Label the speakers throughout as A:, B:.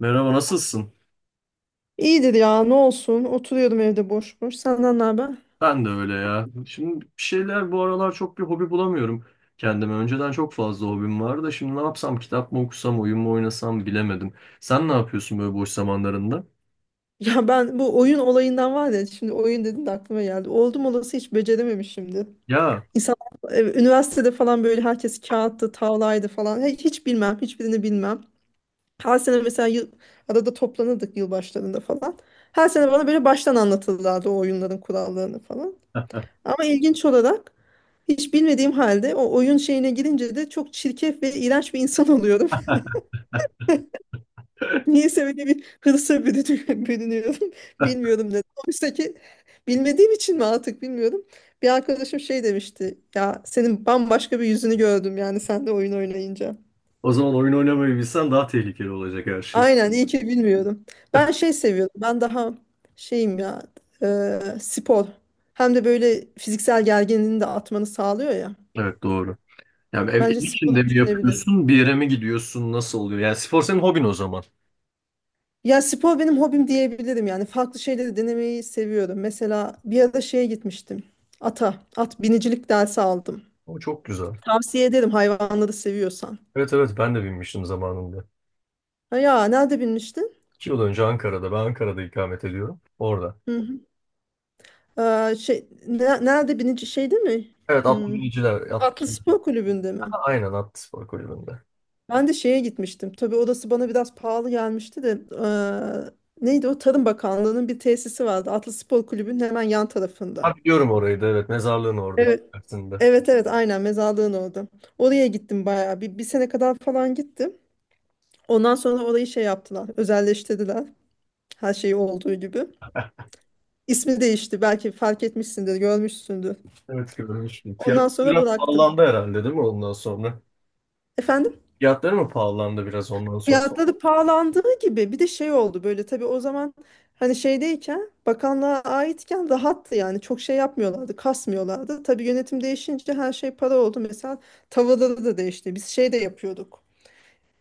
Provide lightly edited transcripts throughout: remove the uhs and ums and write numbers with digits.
A: Merhaba, nasılsın?
B: İyidir ya ne olsun oturuyordum evde boş boş senden ne haber?
A: Ben de öyle ya. Şimdi bir şeyler bu aralar çok bir hobi bulamıyorum kendime. Önceden çok fazla hobim vardı da şimdi ne yapsam? Kitap mı okusam, oyun mu oynasam bilemedim. Sen ne yapıyorsun böyle boş zamanlarında?
B: Ya ben bu oyun olayından var ya şimdi oyun dedin de aklıma geldi. Oldum olası hiç becerememişimdir.
A: Ya,
B: İnsan üniversitede falan böyle herkes kağıttı, tavlaydı falan. Hiç bilmem, hiçbirini bilmem. Her sene mesela arada toplanırdık yılbaşlarında falan. Her sene bana böyle baştan anlatırlardı o oyunların kurallarını falan. Ama ilginç olarak hiç bilmediğim halde o oyun şeyine girince de çok çirkef ve iğrenç bir insan oluyorum. Niyeyse öyle bir hırsa bürünüyorum. Bilmiyorum dedim. Oysa ki bilmediğim için mi artık bilmiyorum. Bir arkadaşım şey demişti. Ya senin bambaşka bir yüzünü gördüm yani sen de oyun oynayınca.
A: o zaman oyun oynamayı bilsen daha tehlikeli olacak her şey.
B: Aynen iyi ki bilmiyorum. Ben şey seviyorum. Ben daha şeyim ya spor. Hem de böyle fiziksel gerginliğini de atmanı sağlıyor ya.
A: Evet, doğru. Yani ev
B: Bence sporu
A: içinde mi
B: düşünebilirim.
A: yapıyorsun, bir yere mi gidiyorsun, nasıl oluyor? Yani spor senin hobin o zaman.
B: Ya spor benim hobim diyebilirim yani. Farklı şeyleri denemeyi seviyorum. Mesela bir ara şeye gitmiştim. At binicilik dersi aldım.
A: O çok güzel.
B: Tavsiye ederim hayvanları seviyorsan.
A: Evet, evet, ben de binmiştim zamanında.
B: Ha ya nerede binmiştin?
A: 2 yıl önce Ankara'da. Ben Ankara'da ikamet ediyorum. Orada.
B: Hı hı. Şey, nerede binici şeyde mi?
A: Evet, atlı
B: Hmm,
A: biniciler.
B: Atlı Spor Kulübü'nde mi?
A: Aynen Akspor Kulübü'nde.
B: Ben de şeye gitmiştim. Tabii odası bana biraz pahalı gelmişti de. Neydi o? Tarım Bakanlığı'nın bir tesisi vardı. Atlı Spor Kulübü'nün hemen yan tarafında.
A: Ha, biliyorum orayı da, evet. Mezarlığın oradaki
B: Evet.
A: tersinde.
B: Evet evet aynen mezarlığın orada. Oraya gittim bayağı bir sene kadar falan gittim. Ondan sonra orayı şey yaptılar özelleştirdiler her şeyi olduğu gibi. İsmi değişti belki fark etmişsindir görmüşsündür.
A: Evet, görmüştüm.
B: Ondan
A: Fiyatlar
B: sonra
A: biraz
B: bıraktım.
A: pahalandı herhalde, değil mi, ondan sonra?
B: Efendim
A: Fiyatları mı pahalandı biraz ondan sonra?
B: fiyatları pahalandığı gibi bir de şey oldu böyle tabii o zaman hani şeydeyken bakanlığa aitken rahattı yani çok şey yapmıyorlardı kasmıyorlardı. Tabii yönetim değişince her şey para oldu mesela tavırları da değişti biz şey de yapıyorduk.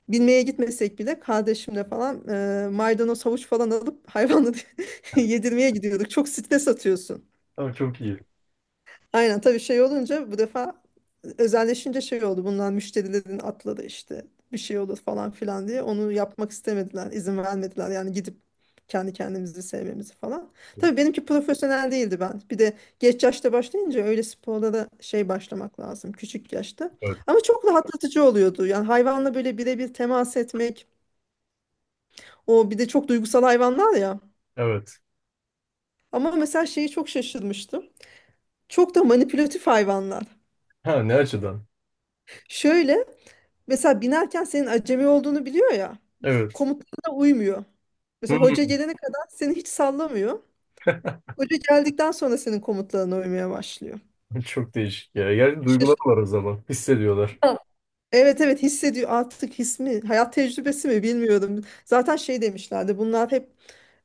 B: Bilmeye gitmesek bile kardeşimle falan maydanoz havuç falan alıp hayvanı yedirmeye gidiyorduk. Çok stres atıyorsun.
A: Ama çok iyi.
B: Aynen tabii şey olunca bu defa özelleşince şey oldu. Bunlar müşterilerin atladı işte bir şey olur falan filan diye. Onu yapmak istemediler, izin vermediler. Yani gidip kendi kendimizi sevmemizi falan. Tabii benimki profesyonel değildi ben. Bir de geç yaşta başlayınca öyle sporlara şey başlamak lazım küçük yaşta.
A: Evet.
B: Ama çok rahatlatıcı oluyordu. Yani hayvanla böyle birebir temas etmek, o bir de çok duygusal hayvanlar ya.
A: Evet.
B: Ama mesela şeyi çok şaşırmıştım. Çok da manipülatif hayvanlar.
A: Ha, ne açıdan?
B: Şöyle mesela binerken senin acemi olduğunu biliyor ya.
A: Evet.
B: Komutlarına uymuyor. Mesela hoca
A: Hmm.
B: gelene kadar seni hiç sallamıyor. Hoca geldikten sonra senin komutlarına uymaya başlıyor.
A: Çok değişik ya. Yani duygular
B: Şaşırtıcı.
A: var o zaman. Hissediyorlar.
B: Evet evet hissediyor artık his mi hayat tecrübesi mi bilmiyorum. Zaten şey demişlerdi bunlar hep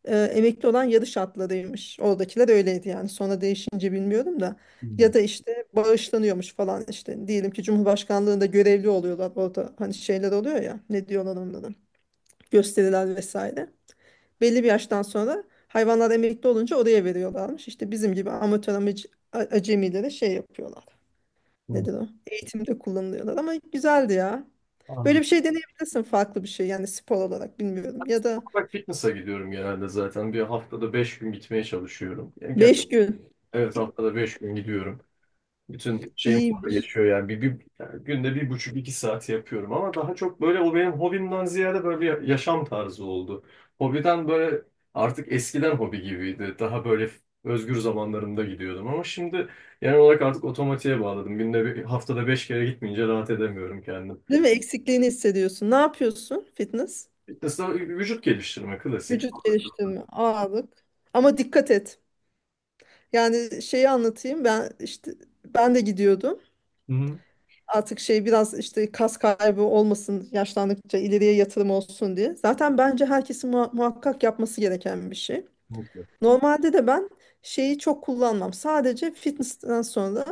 B: emekli olan yarış atlarıymış. Oradakiler öyleydi yani sonra değişince bilmiyorum da.
A: Hmm.
B: Ya da işte bağışlanıyormuş falan işte diyelim ki Cumhurbaşkanlığında görevli oluyorlar orada hani şeyler oluyor ya ne diyorlar onlara gösteriler vesaire. Belli bir yaştan sonra hayvanlar emekli olunca oraya veriyorlarmış. İşte bizim gibi amatör acemilere şey yapıyorlar
A: Hmm.
B: nedir o? Eğitimde kullanılıyorlar ama güzeldi ya. Böyle
A: Anladım.
B: bir şey deneyebilirsin farklı bir şey yani spor olarak bilmiyorum. Ya da
A: Olarak fitness'a gidiyorum genelde zaten. Bir haftada 5 gün gitmeye çalışıyorum. Yani
B: 5 gün
A: evet,
B: İ-
A: haftada 5 gün gidiyorum. Bütün şeyim orada
B: iyiymiş.
A: geçiyor yani. Yani günde bir buçuk iki saat yapıyorum, ama daha çok böyle o benim hobimden ziyade böyle bir yaşam tarzı oldu. Hobiden böyle artık eskiden hobi gibiydi. Daha böyle özgür zamanlarımda gidiyordum ama şimdi genel olarak artık otomatiğe bağladım. Günde bir, haftada 5 kere gitmeyince rahat edemiyorum kendim.
B: Değil mi? Eksikliğini hissediyorsun. Ne yapıyorsun? Fitness.
A: Fitness'ta vücut geliştirme klasik.
B: Vücut geliştirme, ağırlık. Ama dikkat et. Yani şeyi anlatayım. Ben işte ben de gidiyordum.
A: Hı hı.
B: Artık şey biraz işte kas kaybı olmasın, yaşlandıkça ileriye yatırım olsun diye. Zaten bence herkesin muhakkak yapması gereken bir şey.
A: Mutlu.
B: Normalde de ben şeyi çok kullanmam. Sadece fitness'ten sonra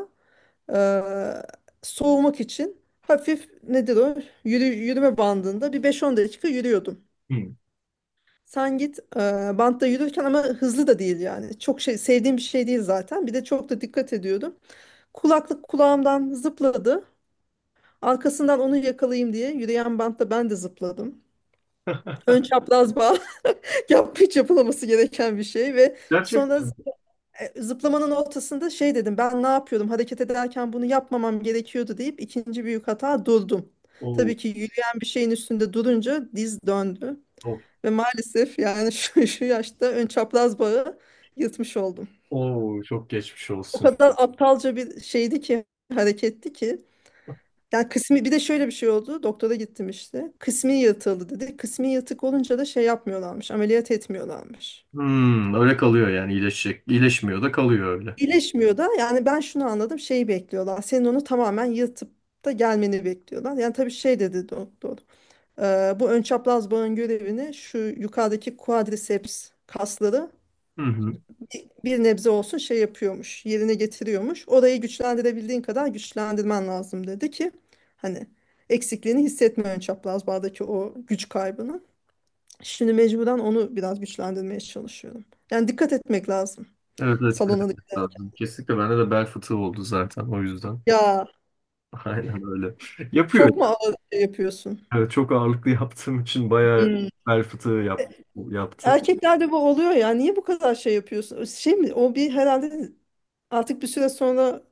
B: eee, soğumak için hafif nedir o? Yürüme bandında bir 5-10 dakika yürüyordum.
A: Hı.
B: Sen git bantta yürürken ama hızlı da değil yani. Çok şey sevdiğim bir şey değil zaten. Bir de çok da dikkat ediyordum. Kulaklık kulağımdan zıpladı. Arkasından onu yakalayayım diye yürüyen bantta ben de zıpladım. Ön çapraz bağ yap hiç yapılaması gereken bir şey ve sonra
A: Gerçekten.
B: zıplamanın ortasında şey dedim ben ne yapıyordum hareket ederken bunu yapmamam gerekiyordu deyip ikinci büyük hata durdum.
A: Oo,
B: Tabii ki yürüyen bir şeyin üstünde durunca diz döndü
A: oo,
B: ve maalesef yani şu yaşta ön çapraz bağı yırtmış oldum.
A: oo, çok geçmiş
B: O
A: olsun.
B: kadar aptalca bir şeydi ki hareketti ki yani kısmi bir de şöyle bir şey oldu doktora gittim işte kısmi yırtıldı dedi kısmi yırtık olunca da şey yapmıyorlarmış ameliyat etmiyorlarmış.
A: Hmm, öyle kalıyor yani, iyileşecek. İyileşmiyor da kalıyor öyle.
B: İyileşmiyor da yani ben şunu anladım şeyi bekliyorlar. Senin onu tamamen yırtıp da gelmeni bekliyorlar. Yani tabii şey dedi doktor. Bu ön çapraz bağın görevini şu yukarıdaki quadriceps kasları
A: Hı hı.
B: bir nebze olsun şey yapıyormuş. Yerine getiriyormuş. Orayı güçlendirebildiğin kadar güçlendirmen lazım dedi ki hani eksikliğini hissetme ön çapraz bağdaki o güç kaybını. Şimdi mecburen onu biraz güçlendirmeye çalışıyorum. Yani dikkat etmek lazım
A: Evet, evet, dikkat
B: salona.
A: etmek lazım. Kesinlikle, bende de bel fıtığı oldu zaten o yüzden.
B: Ya
A: Aynen öyle. Yapıyor.
B: çok mu ağır şey yapıyorsun?
A: Evet, çok ağırlıklı yaptığım için bayağı
B: Hmm.
A: bel fıtığı yaptı.
B: Erkeklerde bu oluyor ya. Niye bu kadar şey yapıyorsun? Şey mi? O bir herhalde artık bir süre sonra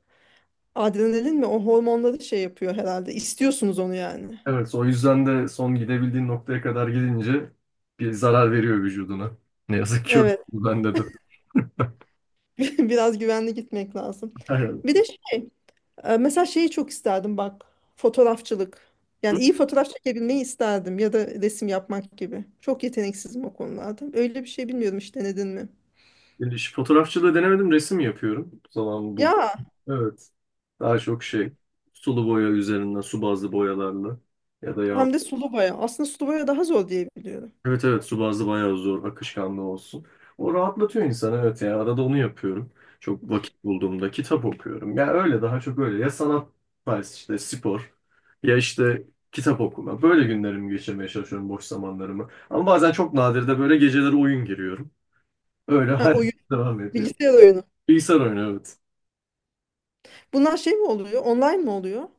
B: adrenalin mi? O hormonları şey yapıyor herhalde. İstiyorsunuz onu yani.
A: Evet, o yüzden de son gidebildiğin noktaya kadar gidince bir zarar veriyor vücuduna. Ne yazık ki öyle.
B: Evet.
A: Bende de.
B: Biraz güvenli gitmek lazım.
A: Aynen.
B: Bir de şey. Mesela şeyi çok isterdim bak. Fotoğrafçılık. Yani
A: Hı?
B: iyi fotoğraf çekebilmeyi isterdim. Ya da resim yapmak gibi. Çok yeteneksizim o konularda. Öyle bir şey bilmiyorum hiç denedin mi?
A: Şu fotoğrafçılığı denemedim, resim yapıyorum. Zaman buldum.
B: Ya
A: Evet. Daha çok şey, sulu boya üzerinden, su bazlı boyalarla ya da yağ.
B: hem de sulu boya. Aslında sulu boya daha zor diye biliyorum.
A: Evet, evet, su bazlı bayağı zor, akışkanlı olsun. O rahatlatıyor insanı, evet, ya arada onu yapıyorum. Çok vakit bulduğumda kitap okuyorum. Ya öyle, daha çok öyle ya sanat tarzı işte, spor ya işte kitap okuma. Böyle günlerimi geçirmeye çalışıyorum, boş zamanlarımı. Ama bazen çok nadir de böyle geceleri oyun giriyorum. Öyle
B: Ha,
A: hayat
B: o
A: devam ediyor.
B: bilgisayar oyunu.
A: Bilgisayar oyunu, evet.
B: Bunlar şey mi oluyor? Online mi oluyor?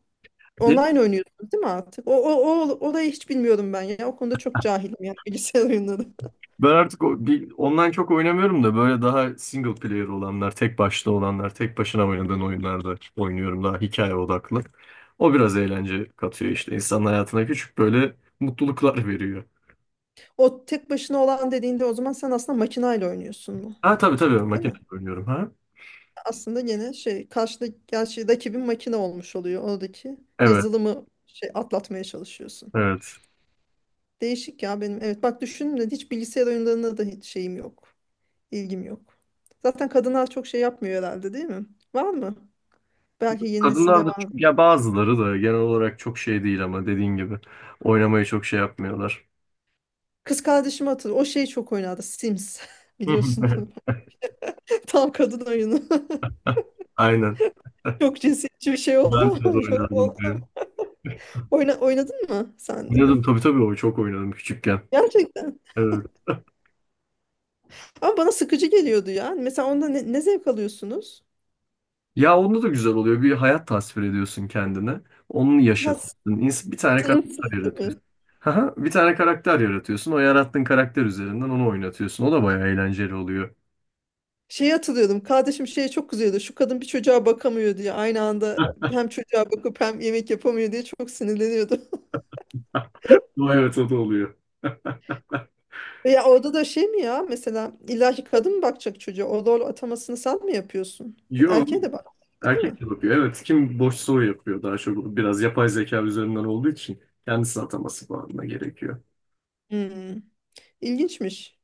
B: Online oynuyorsunuz değil mi artık? O orayı hiç bilmiyorum ben ya. O konuda çok cahilim yani bilgisayar oyunları.
A: Ben artık online çok oynamıyorum da böyle daha single player olanlar, tek başta olanlar, tek başına oynadığın oyunlarda oynuyorum, daha hikaye odaklı. O biraz eğlence katıyor işte insanın hayatına, küçük böyle mutluluklar veriyor.
B: O tek başına olan dediğinde o zaman sen aslında makinayla oynuyorsun mu?
A: Ha, tabii, tabii,
B: Değil
A: makine
B: mi?
A: oynuyorum, ha.
B: Aslında gene şey karşıda gerçi rakibin makine olmuş oluyor. Oradaki
A: Evet,
B: yazılımı şey atlatmaya çalışıyorsun.
A: evet.
B: Değişik ya benim. Evet bak düşündüm de hiç bilgisayar oyunlarına da hiç şeyim yok. İlgim yok. Zaten kadınlar çok şey yapmıyor herhalde değil mi? Var mı? Belki yeni nesilde.
A: Kadınlar da ya, bazıları da genel olarak çok şey değil, ama dediğin gibi oynamayı çok şey yapmıyorlar.
B: Kız kardeşim hatırlıyorum. O şey çok oynadı. Sims. Biliyorsun. Tam kadın oyunu.
A: Aynen.
B: Çok cinsiyetçi bir şey oldu
A: Ben de
B: ama yorum
A: oynardım
B: oldu ama.
A: diyor.
B: Oynadın mı sen de?
A: Oynadım, tabii, tabii, o çok oynadım küçükken.
B: Gerçekten.
A: Evet.
B: Ama bana sıkıcı geliyordu ya. Hani mesela onda ne zevk alıyorsunuz?
A: Ya onda da güzel oluyor. Bir hayat tasvir ediyorsun kendine. Onu
B: Nasıl?
A: yaşatıyorsun. Bir tane
B: Sınırsız
A: karakter
B: değil mi?
A: yaratıyorsun. Haha, bir tane karakter yaratıyorsun. O yarattığın karakter üzerinden onu oynatıyorsun. O da bayağı eğlenceli oluyor.
B: Şeyi hatırlıyordum. Kardeşim şeye çok kızıyordu. Şu kadın bir çocuğa bakamıyor diye. Aynı anda hem çocuğa bakıp hem yemek yapamıyor diye çok sinirleniyordu.
A: O, evet, o da oluyor.
B: Veya orada da şey mi ya mesela illa kadın mı bakacak çocuğa? O rol atamasını sen mi yapıyorsun?
A: Yo,
B: Erkeğe de bak, değil mi?
A: erkek de yapıyor. Evet, kim boş soru yapıyor daha çok. Biraz yapay zeka üzerinden olduğu için kendisi ataması falan da gerekiyor.
B: Hmm. İlginçmiş.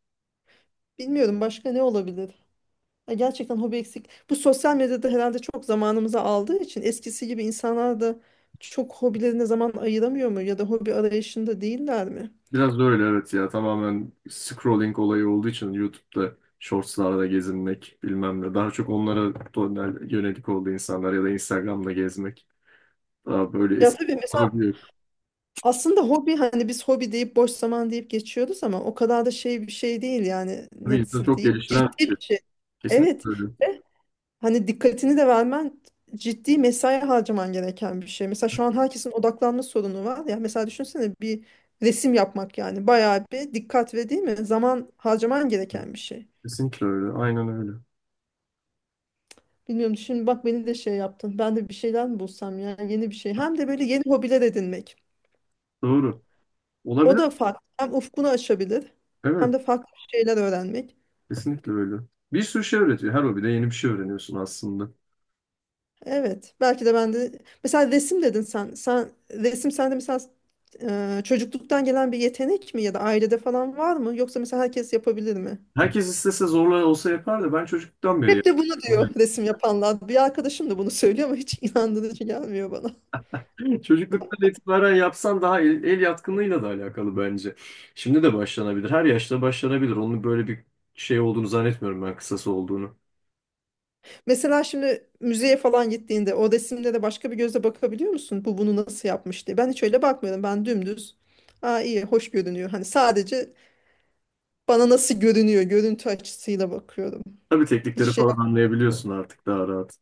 B: Bilmiyorum başka ne olabilir? Ya gerçekten hobi eksik. Bu sosyal medyada herhalde çok zamanımızı aldığı için eskisi gibi insanlar da çok hobilerine zaman ayıramıyor mu? Ya da hobi arayışında değiller mi?
A: Biraz da öyle, evet, ya tamamen scrolling olayı olduğu için YouTube'da shortslarda gezinmek bilmem ne. Daha çok onlara yönelik oldu insanlar, ya da Instagram'da gezmek. Daha böyle
B: Ya
A: eski
B: tabii mesela
A: hobi yok.
B: aslında hobi hani biz hobi deyip boş zaman deyip geçiyoruz ama o kadar da şey bir şey değil yani
A: Tabii insanı
B: nasıl
A: çok
B: diyeyim?
A: geliştiren
B: Ciddi
A: bir şey.
B: bir şey. Evet.
A: Kesinlikle öyle.
B: Hani dikkatini de vermen ciddi mesai harcaman gereken bir şey. Mesela şu an herkesin odaklanma sorunu var ya. Mesela düşünsene bir resim yapmak yani bayağı bir dikkat ve değil mi? Zaman harcaman gereken bir şey.
A: Kesinlikle öyle. Aynen öyle.
B: Bilmiyorum şimdi bak beni de şey yaptın. Ben de bir şeyler mi bulsam yani yeni bir şey. Hem de böyle yeni hobiler edinmek.
A: Doğru.
B: O
A: Olabilir.
B: da farklı. Hem ufkunu açabilir hem
A: Evet.
B: de farklı şeyler öğrenmek.
A: Kesinlikle öyle. Bir sürü şey öğretiyor. Her hobide yeni bir şey öğreniyorsun aslında.
B: Evet. Belki de ben de mesela resim dedin sen. Sen resim sende mesela çocukluktan gelen bir yetenek mi ya da ailede falan var mı? Yoksa mesela herkes yapabilir mi?
A: Herkes istese zorla olsa yapar da, ben çocukluktan beri
B: Hep de bunu diyor
A: yapıyorum.
B: resim yapanlar. Bir arkadaşım da bunu söylüyor ama hiç inandırıcı gelmiyor bana.
A: Çocukluktan itibaren yapsan daha el yatkınlığıyla da alakalı bence. Şimdi de başlanabilir. Her yaşta başlanabilir. Onun böyle bir şey olduğunu zannetmiyorum ben, kısası olduğunu.
B: Mesela şimdi müzeye falan gittiğinde o resimlere başka bir gözle bakabiliyor musun? Bu bunu nasıl yapmış diye. Ben hiç öyle bakmıyorum. Ben dümdüz. Aa iyi, hoş görünüyor. Hani sadece bana nasıl görünüyor, görüntü açısıyla bakıyorum.
A: Tabii
B: Hiç
A: teknikleri
B: şey
A: falan anlayabiliyorsun artık daha rahat.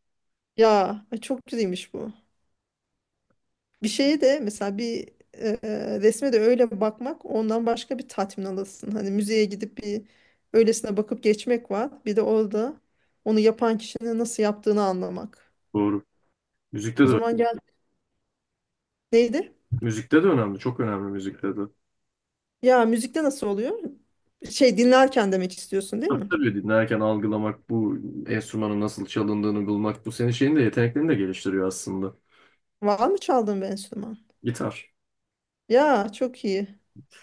B: ya ay çok güzelmiş bu. Bir şeye de mesela bir resme de öyle bakmak ondan başka bir tatmin alırsın. Hani müzeye gidip bir öylesine bakıp geçmek var. Bir de orada onu yapan kişinin nasıl yaptığını anlamak.
A: Doğru. Müzikte
B: O
A: de
B: zaman gel neydi?
A: müzikte de önemli. Çok önemli, müzikte de.
B: Ya müzikte nasıl oluyor? Şey dinlerken demek istiyorsun değil mi?
A: Tabii dinlerken algılamak, bu enstrümanın nasıl çalındığını bulmak, bu senin şeyini de, yeteneklerini de geliştiriyor aslında.
B: Var mı çaldığın bir enstrüman?
A: Gitar.
B: Ya çok iyi.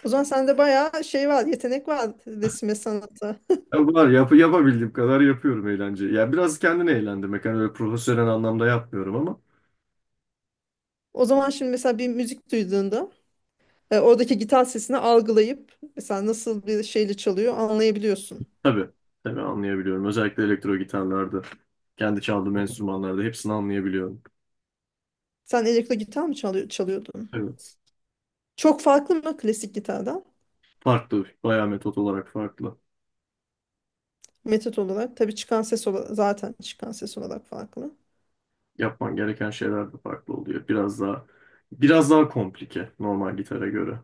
B: O zaman sende bayağı şey var, yetenek var resme sanata.
A: Ya var, yapabildiğim kadar yapıyorum, eğlence. Ya biraz kendini eğlendirmek. Hani öyle profesyonel anlamda yapmıyorum ama.
B: O zaman şimdi mesela bir müzik duyduğunda oradaki gitar sesini algılayıp mesela nasıl bir şeyle çalıyor anlayabiliyorsun.
A: Tabii, tabii, anlayabiliyorum. Özellikle elektro gitarlarda, kendi çaldığım enstrümanlarda hepsini anlayabiliyorum.
B: Sen elektro gitar mı çalıyordun?
A: Evet.
B: Çok farklı mı klasik gitardan?
A: Farklı, bayağı metot olarak farklı.
B: Metot olarak. Tabii çıkan ses olarak, zaten çıkan ses olarak farklı.
A: Yapman gereken şeyler de farklı oluyor. Biraz daha komplike normal gitara göre.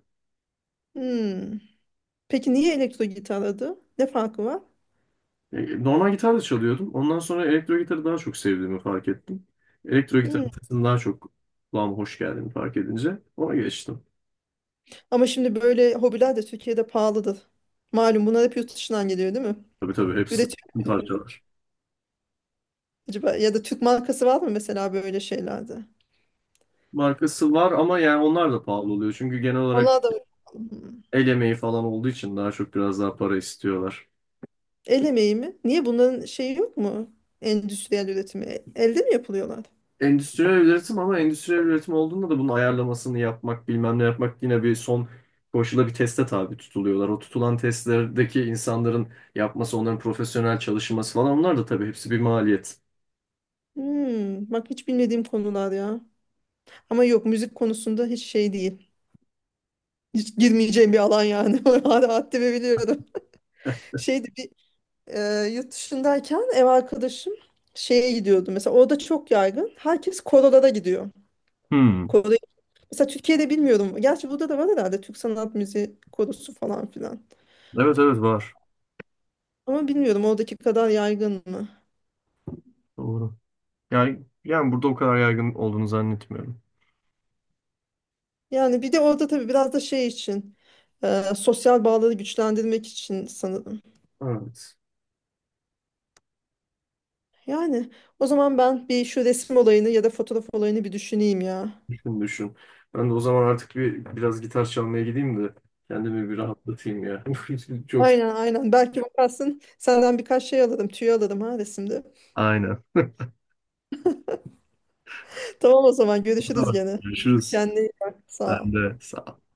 B: Hmm. Peki niye elektro gitar adı? Ne farkı var?
A: Normal gitar da çalıyordum. Ondan sonra elektro gitarı daha çok sevdiğimi fark ettim. Elektro gitar
B: Hmm.
A: sesini daha çok kulağıma hoş geldiğini fark edince ona geçtim.
B: Ama şimdi böyle hobiler de Türkiye'de pahalıdır. Malum bunlar hep yurt dışından geliyor değil mi?
A: Tabii, tabii, hepsi
B: Üretiyor
A: tüm
B: mu
A: parçalar.
B: acaba? Ya da Türk markası var mı mesela böyle şeylerde?
A: Markası var ama yani onlar da pahalı oluyor. Çünkü genel olarak
B: Onlar da. Hmm.
A: el emeği falan olduğu için daha çok biraz daha para istiyorlar.
B: El emeği mi? Niye bunların şeyi yok mu? Endüstriyel üretimi. Elde mi yapılıyorlar?
A: Endüstriyel üretim, ama endüstriyel üretim olduğunda da bunun ayarlamasını yapmak, bilmem ne yapmak, yine bir son koşula, bir teste tabi tutuluyorlar. O tutulan testlerdeki insanların yapması, onların profesyonel çalışması falan, onlar da tabii hepsi bir maliyet.
B: Hmm, bak hiç bilmediğim konular ya. Ama yok müzik konusunda hiç şey değil. Hiç girmeyeceğim bir alan yani. Hala haddimi biliyorum. Şeydi bir e, yurt dışındayken ev arkadaşım şeye gidiyordu. Mesela orada çok yaygın. Herkes korolara gidiyor.
A: Hmm.
B: Koro, mesela Türkiye'de bilmiyorum. Gerçi burada da var herhalde Türk sanat müziği korosu falan filan.
A: Evet, evet, var.
B: Ama bilmiyorum oradaki kadar yaygın mı?
A: Doğru. Yani burada o kadar yaygın olduğunu zannetmiyorum.
B: Yani bir de orada tabii biraz da şey için sosyal bağları güçlendirmek için sanırım.
A: Evet.
B: Yani o zaman ben bir şu resim olayını ya da fotoğraf olayını bir düşüneyim ya.
A: Düşün, düşün. Ben de o zaman artık biraz gitar çalmaya gideyim de kendimi bir rahatlatayım ya. Çok.
B: Aynen aynen. Belki bakarsın senden birkaç şey alırım, tüy alırım ha resimde.
A: Aynen.
B: Tamam o zaman görüşürüz
A: Tamam.
B: gene.
A: Görüşürüz.
B: Kendine iyi bak. Sağ
A: Sen
B: ol.
A: de sağ ol.